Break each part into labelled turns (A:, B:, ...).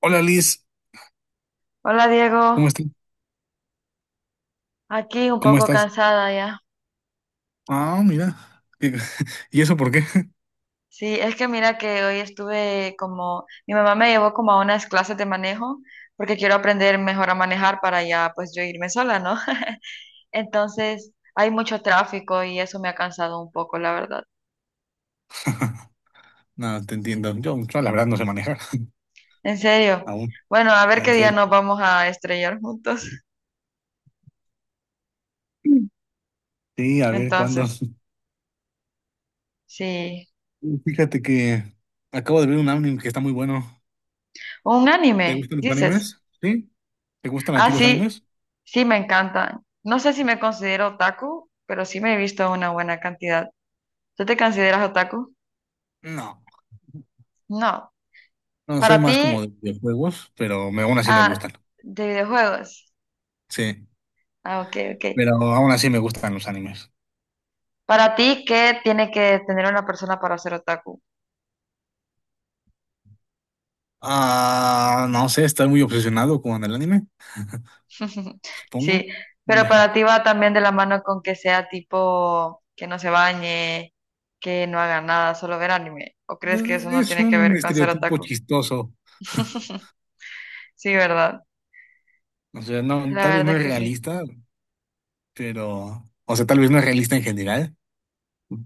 A: Hola Liz,
B: Hola Diego,
A: ¿cómo estás?
B: aquí un
A: ¿Cómo
B: poco
A: estás?
B: cansada ya.
A: Ah, mira. ¿Y y eso por qué?
B: Sí, es que mira que hoy estuve como, mi mamá me llevó como a unas clases de manejo porque quiero aprender mejor a manejar para ya pues yo irme sola, ¿no? Entonces hay mucho tráfico y eso me ha cansado un poco, la verdad.
A: No, te entiendo. Yo la verdad no sé manejar
B: ¿En serio?
A: aún.
B: Bueno, a ver qué
A: En
B: día
A: serio.
B: nos vamos a estrellar juntos.
A: Sí, a ver cuándo.
B: Entonces, sí.
A: Fíjate que acabo de ver un anime que está muy bueno.
B: Un
A: ¿Te
B: anime,
A: gustan los
B: dices.
A: animes? ¿Sí? ¿Te gustan a
B: Ah,
A: ti los
B: sí,
A: animes?
B: sí me encantan. No sé si me considero otaku, pero sí me he visto una buena cantidad. ¿Tú te consideras otaku?
A: No.
B: No.
A: No, soy
B: Para
A: más
B: ti,
A: como de videojuegos, pero aún así me
B: ah,
A: gustan.
B: de videojuegos.
A: Sí.
B: Ah, ok, ok.
A: Pero aún así me gustan los animes.
B: Para ti, ¿qué tiene que tener una persona para ser otaku?
A: Ah, no sé, estoy muy obsesionado con el anime, supongo.
B: Sí, pero para ti va también de la mano con que sea tipo que no se bañe, que no haga nada, solo ver anime. ¿O crees que eso no
A: Es
B: tiene que
A: un
B: ver con ser
A: estereotipo
B: otaku?
A: chistoso.
B: Sí, ¿verdad?
A: O sea, no,
B: La
A: tal vez no
B: verdad
A: es
B: que sí.
A: realista, pero, o sea, tal vez no es realista en general,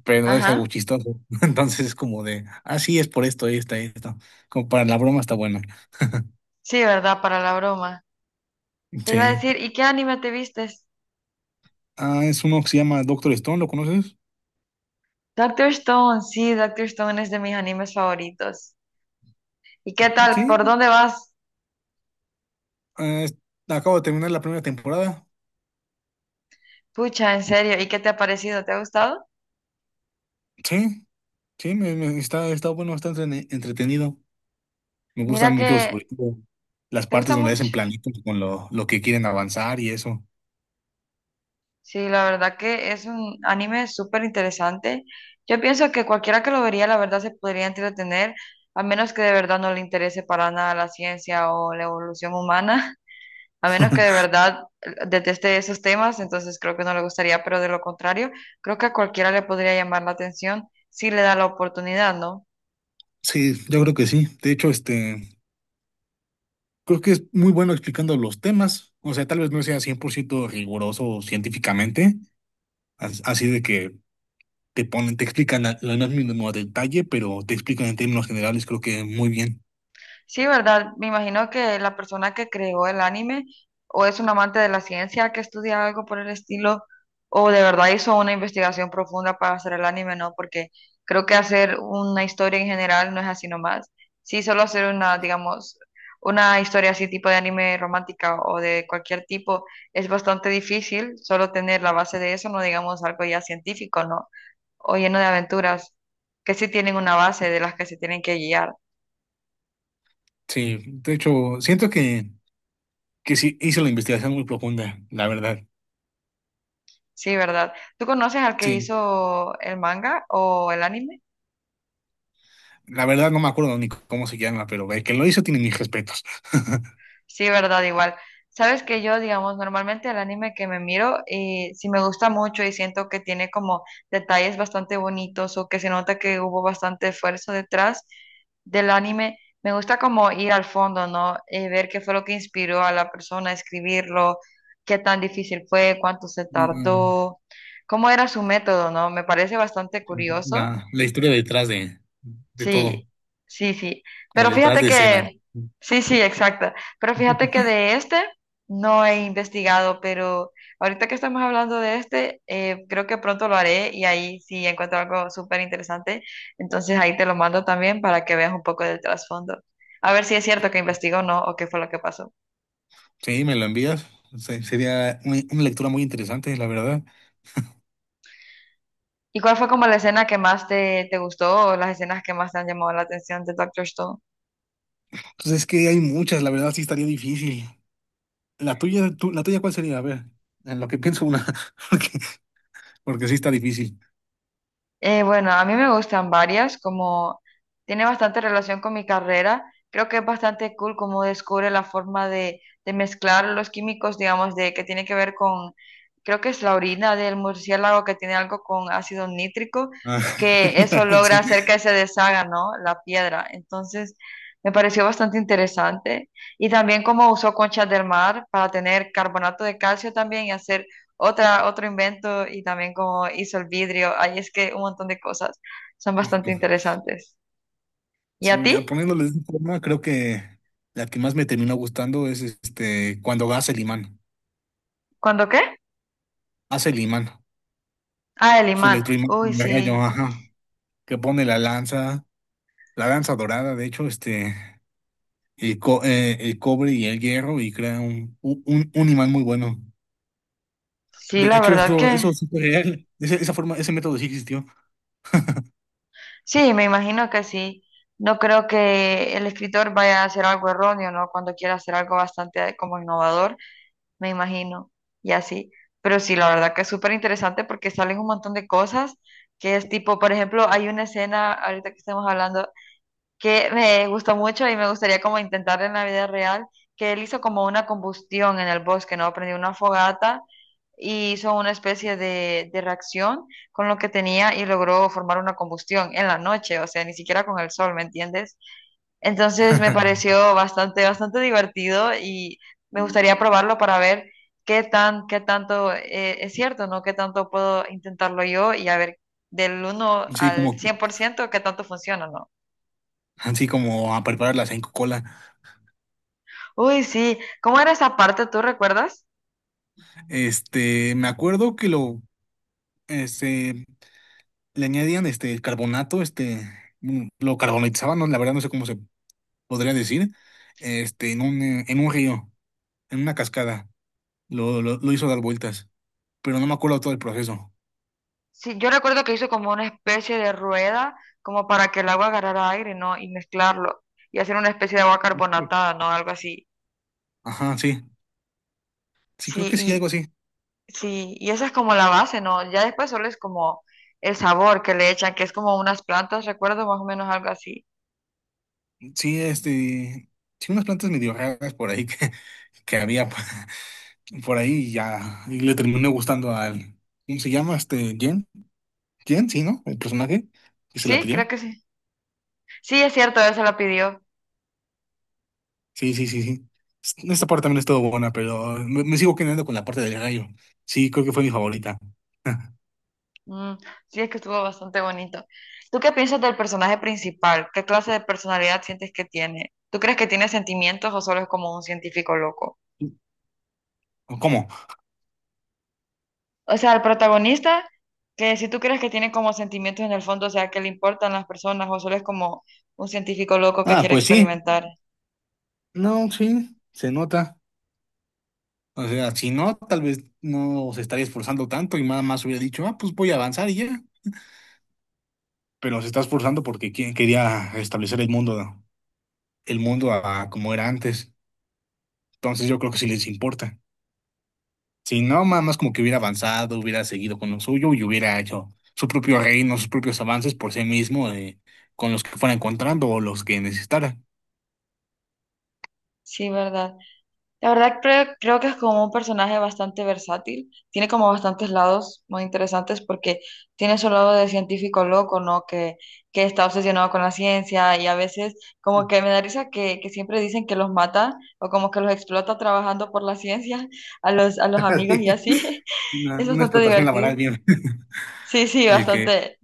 A: pero es algo
B: Ajá.
A: chistoso. Entonces es como de, ah, sí, es por esto, esto, esto. Como para la broma está bueno.
B: Sí, ¿verdad? Para la broma. Te iba a
A: Sí.
B: decir, ¿y qué anime te viste?
A: Ah, es uno que se llama Doctor Stone, ¿lo conoces?
B: Doctor Stone, sí, Doctor Stone es de mis animes favoritos. ¿Y qué tal? ¿Por
A: Sí.
B: dónde vas?
A: Ah, es- Acabo de terminar la primera temporada.
B: Pucha, ¿en serio? ¿Y qué te ha parecido? ¿Te ha gustado?
A: Sí, está, está bueno, está entretenido. Me
B: Mira
A: gustan
B: que
A: mucho, sobre todo, las
B: te
A: partes
B: gusta
A: donde
B: mucho.
A: hacen planitos con lo que quieren avanzar y eso.
B: Sí, la verdad que es un anime súper interesante. Yo pienso que cualquiera que lo vería, la verdad, se podría entretener, a menos que de verdad no le interese para nada la ciencia o la evolución humana. A menos que de verdad deteste esos temas, entonces creo que no le gustaría, pero de lo contrario, creo que a cualquiera le podría llamar la atención si le da la oportunidad, ¿no?
A: Sí, yo creo que sí. De hecho, creo que es muy bueno explicando los temas. O sea, tal vez no sea 100% riguroso científicamente, así de que te ponen, te explican lo más mínimo a detalle, pero te explican en términos generales, creo que muy bien.
B: Sí, ¿verdad? Me imagino que la persona que creó el anime o es un amante de la ciencia que estudia algo por el estilo o de verdad hizo una investigación profunda para hacer el anime, ¿no? Porque creo que hacer una historia en general no es así nomás. Sí, solo hacer una, digamos, una historia así tipo de anime romántica o de cualquier tipo es bastante difícil, solo tener la base de eso, no digamos algo ya científico, ¿no? O lleno de aventuras que sí tienen una base de las que se tienen que guiar.
A: Sí, de hecho, siento que sí hizo la investigación muy profunda, la verdad.
B: Sí, ¿verdad? ¿Tú conoces al que
A: Sí,
B: hizo el manga o el anime?
A: la verdad no me acuerdo ni cómo se llama, pero el que lo hizo tiene mis respetos.
B: Sí, ¿verdad? Igual. Sabes que yo, digamos, normalmente el anime que me miro, sí me gusta mucho y siento que tiene como detalles bastante bonitos o que se nota que hubo bastante esfuerzo detrás del anime. Me gusta como ir al fondo, ¿no? Ver qué fue lo que inspiró a la persona a escribirlo, qué tan difícil fue, cuánto se
A: No, no, no.
B: tardó, cómo era su método, ¿no? Me parece bastante curioso.
A: La historia detrás de todo,
B: Sí, sí, sí.
A: como
B: Pero
A: detrás
B: fíjate
A: de escena.
B: que, sí, sí, exacta. Pero fíjate que de este no he investigado, pero ahorita que estamos hablando de este, creo que pronto lo haré y ahí sí encuentro algo súper interesante. Entonces ahí te lo mando también para que veas un poco del trasfondo. A ver si es cierto que investigó o no, o qué fue lo que pasó.
A: Sí, me lo envías. Sería una lectura muy interesante, la verdad.
B: ¿Y cuál fue como la escena que más te gustó o las escenas que más te han llamado la atención de Doctor Stone?
A: Entonces es que hay muchas, la verdad sí estaría difícil. La tuya, la tuya, ¿cuál sería? A ver, en lo que pienso una, porque, porque sí está difícil.
B: Bueno, a mí me gustan varias, como tiene bastante relación con mi carrera. Creo que es bastante cool cómo descubre la forma de mezclar los químicos, digamos, de que tiene que ver con, creo que es la orina del murciélago que tiene algo con ácido nítrico,
A: Ah,
B: que eso logra
A: sí.
B: hacer que se deshaga, ¿no? La piedra. Entonces, me pareció bastante interesante. Y también cómo usó conchas del mar para tener carbonato de calcio también y hacer otra, otro invento y también cómo hizo el vidrio. Ahí es que un montón de cosas son bastante interesantes. ¿Y
A: Sí,
B: a
A: ya
B: ti?
A: poniéndole de esa forma, creo que la que más me terminó gustando es cuando
B: ¿Cuándo qué?
A: hace el imán,
B: Ah, el
A: su
B: imán.
A: electroimán,
B: Uy,
A: el gallo,
B: sí,
A: ajá, que pone la lanza dorada, de hecho, el cobre y el hierro y crea un imán muy bueno.
B: sí,
A: De
B: la
A: hecho,
B: verdad que
A: eso es súper real. Esa forma, ese método sí existió.
B: sí, me imagino que sí. No creo que el escritor vaya a hacer algo erróneo, ¿no? Cuando quiera hacer algo bastante como innovador, me imagino, y así. Pero sí, la verdad que es súper interesante porque salen un montón de cosas que es tipo, por ejemplo, hay una escena, ahorita que estamos hablando que me gustó mucho y me gustaría como intentar en la vida real, que él hizo como una combustión en el bosque, ¿no? Prendió una fogata y hizo una especie de reacción con lo que tenía y logró formar una combustión en la noche, o sea, ni siquiera con el sol, ¿me entiendes? Entonces me pareció bastante, bastante divertido y me gustaría probarlo para ver qué tan, qué tanto es cierto, ¿no? Qué tanto puedo intentarlo yo y a ver del uno
A: Sí,
B: al
A: como,
B: 100% qué tanto funciona, ¿no?
A: así como a preparar la cola.
B: Uy, sí. ¿Cómo era esa parte? ¿Tú recuerdas?
A: Me acuerdo que este, le añadían carbonato, lo carbonatizaban, no, la verdad no sé cómo se podría decir, en un río, en una cascada. Lo hizo dar vueltas, pero no me acuerdo todo el proceso.
B: Sí, yo recuerdo que hizo como una especie de rueda, como para que el agua agarrara aire, ¿no? Y mezclarlo. Y hacer una especie de agua
A: Sí.
B: carbonatada, ¿no? Algo así.
A: Ajá, sí. Sí,
B: Sí,
A: creo que sí, algo
B: y
A: así.
B: sí, y esa es como la base, ¿no? Ya después solo es como el sabor que le echan, que es como unas plantas, recuerdo más o menos algo así.
A: Sí, sí, unas plantas medio raras por ahí que había por ahí y ya, y le terminó gustando al, ¿cómo se llama? Jen, Jen, sí, ¿no? El personaje que se la
B: Sí,
A: pidió.
B: creo que sí. Sí, es cierto, él se la pidió.
A: Sí, sí, sí, sí. Esta parte también estuvo buena, pero me sigo quedando con la parte del rayo. Sí, creo que fue mi favorita.
B: Mm, sí, es que estuvo bastante bonito. ¿Tú qué piensas del personaje principal? ¿Qué clase de personalidad sientes que tiene? ¿Tú crees que tiene sentimientos o solo es como un científico loco?
A: ¿Cómo?
B: O sea, el protagonista, que si tú crees que tiene como sentimientos en el fondo, o sea, que le importan las personas o solo es como un científico loco que
A: Ah,
B: quiere
A: pues sí.
B: experimentar.
A: No, sí, se nota. O sea, si no, tal vez no se estaría esforzando tanto y nada más hubiera dicho, ah, pues voy a avanzar y ya. Pero se está esforzando porque quien quería establecer el mundo a como era antes. Entonces yo creo que sí les importa. Si no, nada más como que hubiera avanzado, hubiera seguido con lo suyo y hubiera hecho su propio reino, sus propios avances por sí mismo, con los que fuera encontrando o los que necesitara.
B: Sí, ¿verdad? La verdad creo que es como un personaje bastante versátil, tiene como bastantes lados muy interesantes porque tiene su lado de científico loco, ¿no? Que está obsesionado con la ciencia y a veces como que me da risa que siempre dicen que los mata o como que los explota trabajando por la ciencia a los amigos y así, es
A: Una
B: bastante
A: explotación laboral
B: divertido.
A: bien.
B: Sí, sí,
A: El que
B: bastante.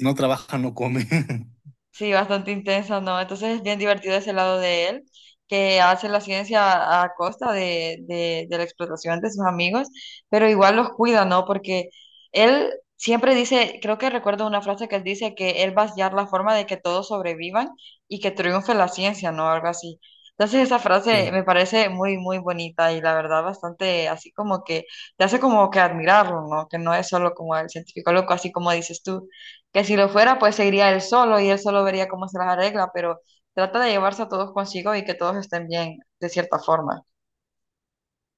A: no trabaja no come.
B: Sí, bastante intenso, ¿no? Entonces es bien divertido ese lado de él, que hace la ciencia a costa de la explotación de sus amigos, pero igual los cuida, ¿no? Porque él siempre dice, creo que recuerdo una frase que él dice que él va a hallar la forma de que todos sobrevivan y que triunfe la ciencia, ¿no? Algo así. Entonces esa frase
A: Sí,
B: me parece muy, muy bonita y la verdad bastante así como que te hace como que admirarlo, ¿no? Que no es solo como el científico loco, así como dices tú que si lo fuera, pues seguiría él solo y él solo vería cómo se las arregla, pero trata de llevarse a todos consigo y que todos estén bien, de cierta forma.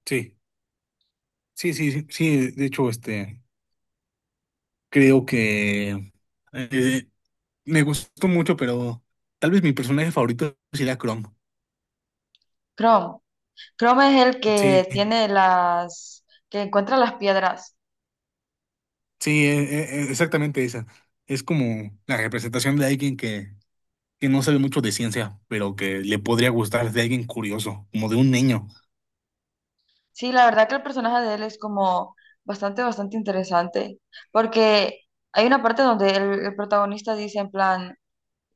A: sí, sí, sí, sí. De hecho, creo que eh, me gustó mucho, pero tal vez mi personaje favorito sería Chrome.
B: Chrome. Chrome es el
A: Sí,
B: que tiene las, que encuentra las piedras.
A: sí, exactamente esa. Es como la representación de alguien que no sabe mucho de ciencia, pero que le podría gustar, de alguien curioso, como de un niño.
B: Sí, la verdad que el personaje de él es como bastante, bastante interesante, porque hay una parte donde el protagonista dice en plan,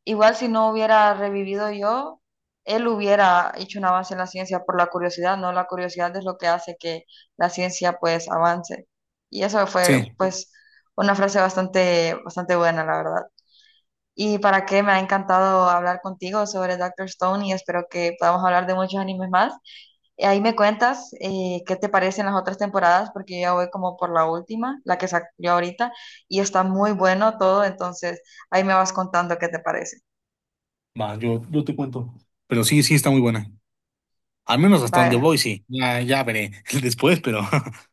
B: igual si no hubiera revivido yo, él hubiera hecho un avance en la ciencia por la curiosidad, ¿no? La curiosidad es lo que hace que la ciencia pues avance. Y eso fue
A: Sí,
B: pues una frase bastante, bastante buena, la verdad. Y para qué me ha encantado hablar contigo sobre Doctor Stone y espero que podamos hablar de muchos animes más. Ahí me cuentas qué te parecen las otras temporadas, porque yo ya voy como por la última, la que salió ahorita, y está muy bueno todo, entonces ahí me vas contando qué te parece.
A: va, yo te cuento. Pero sí, sí, está muy buena. Al menos hasta donde
B: Bye.
A: voy, sí. Ya veré después, pero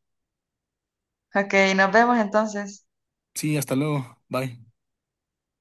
B: Ok, nos vemos entonces.
A: sí, hasta luego. Bye.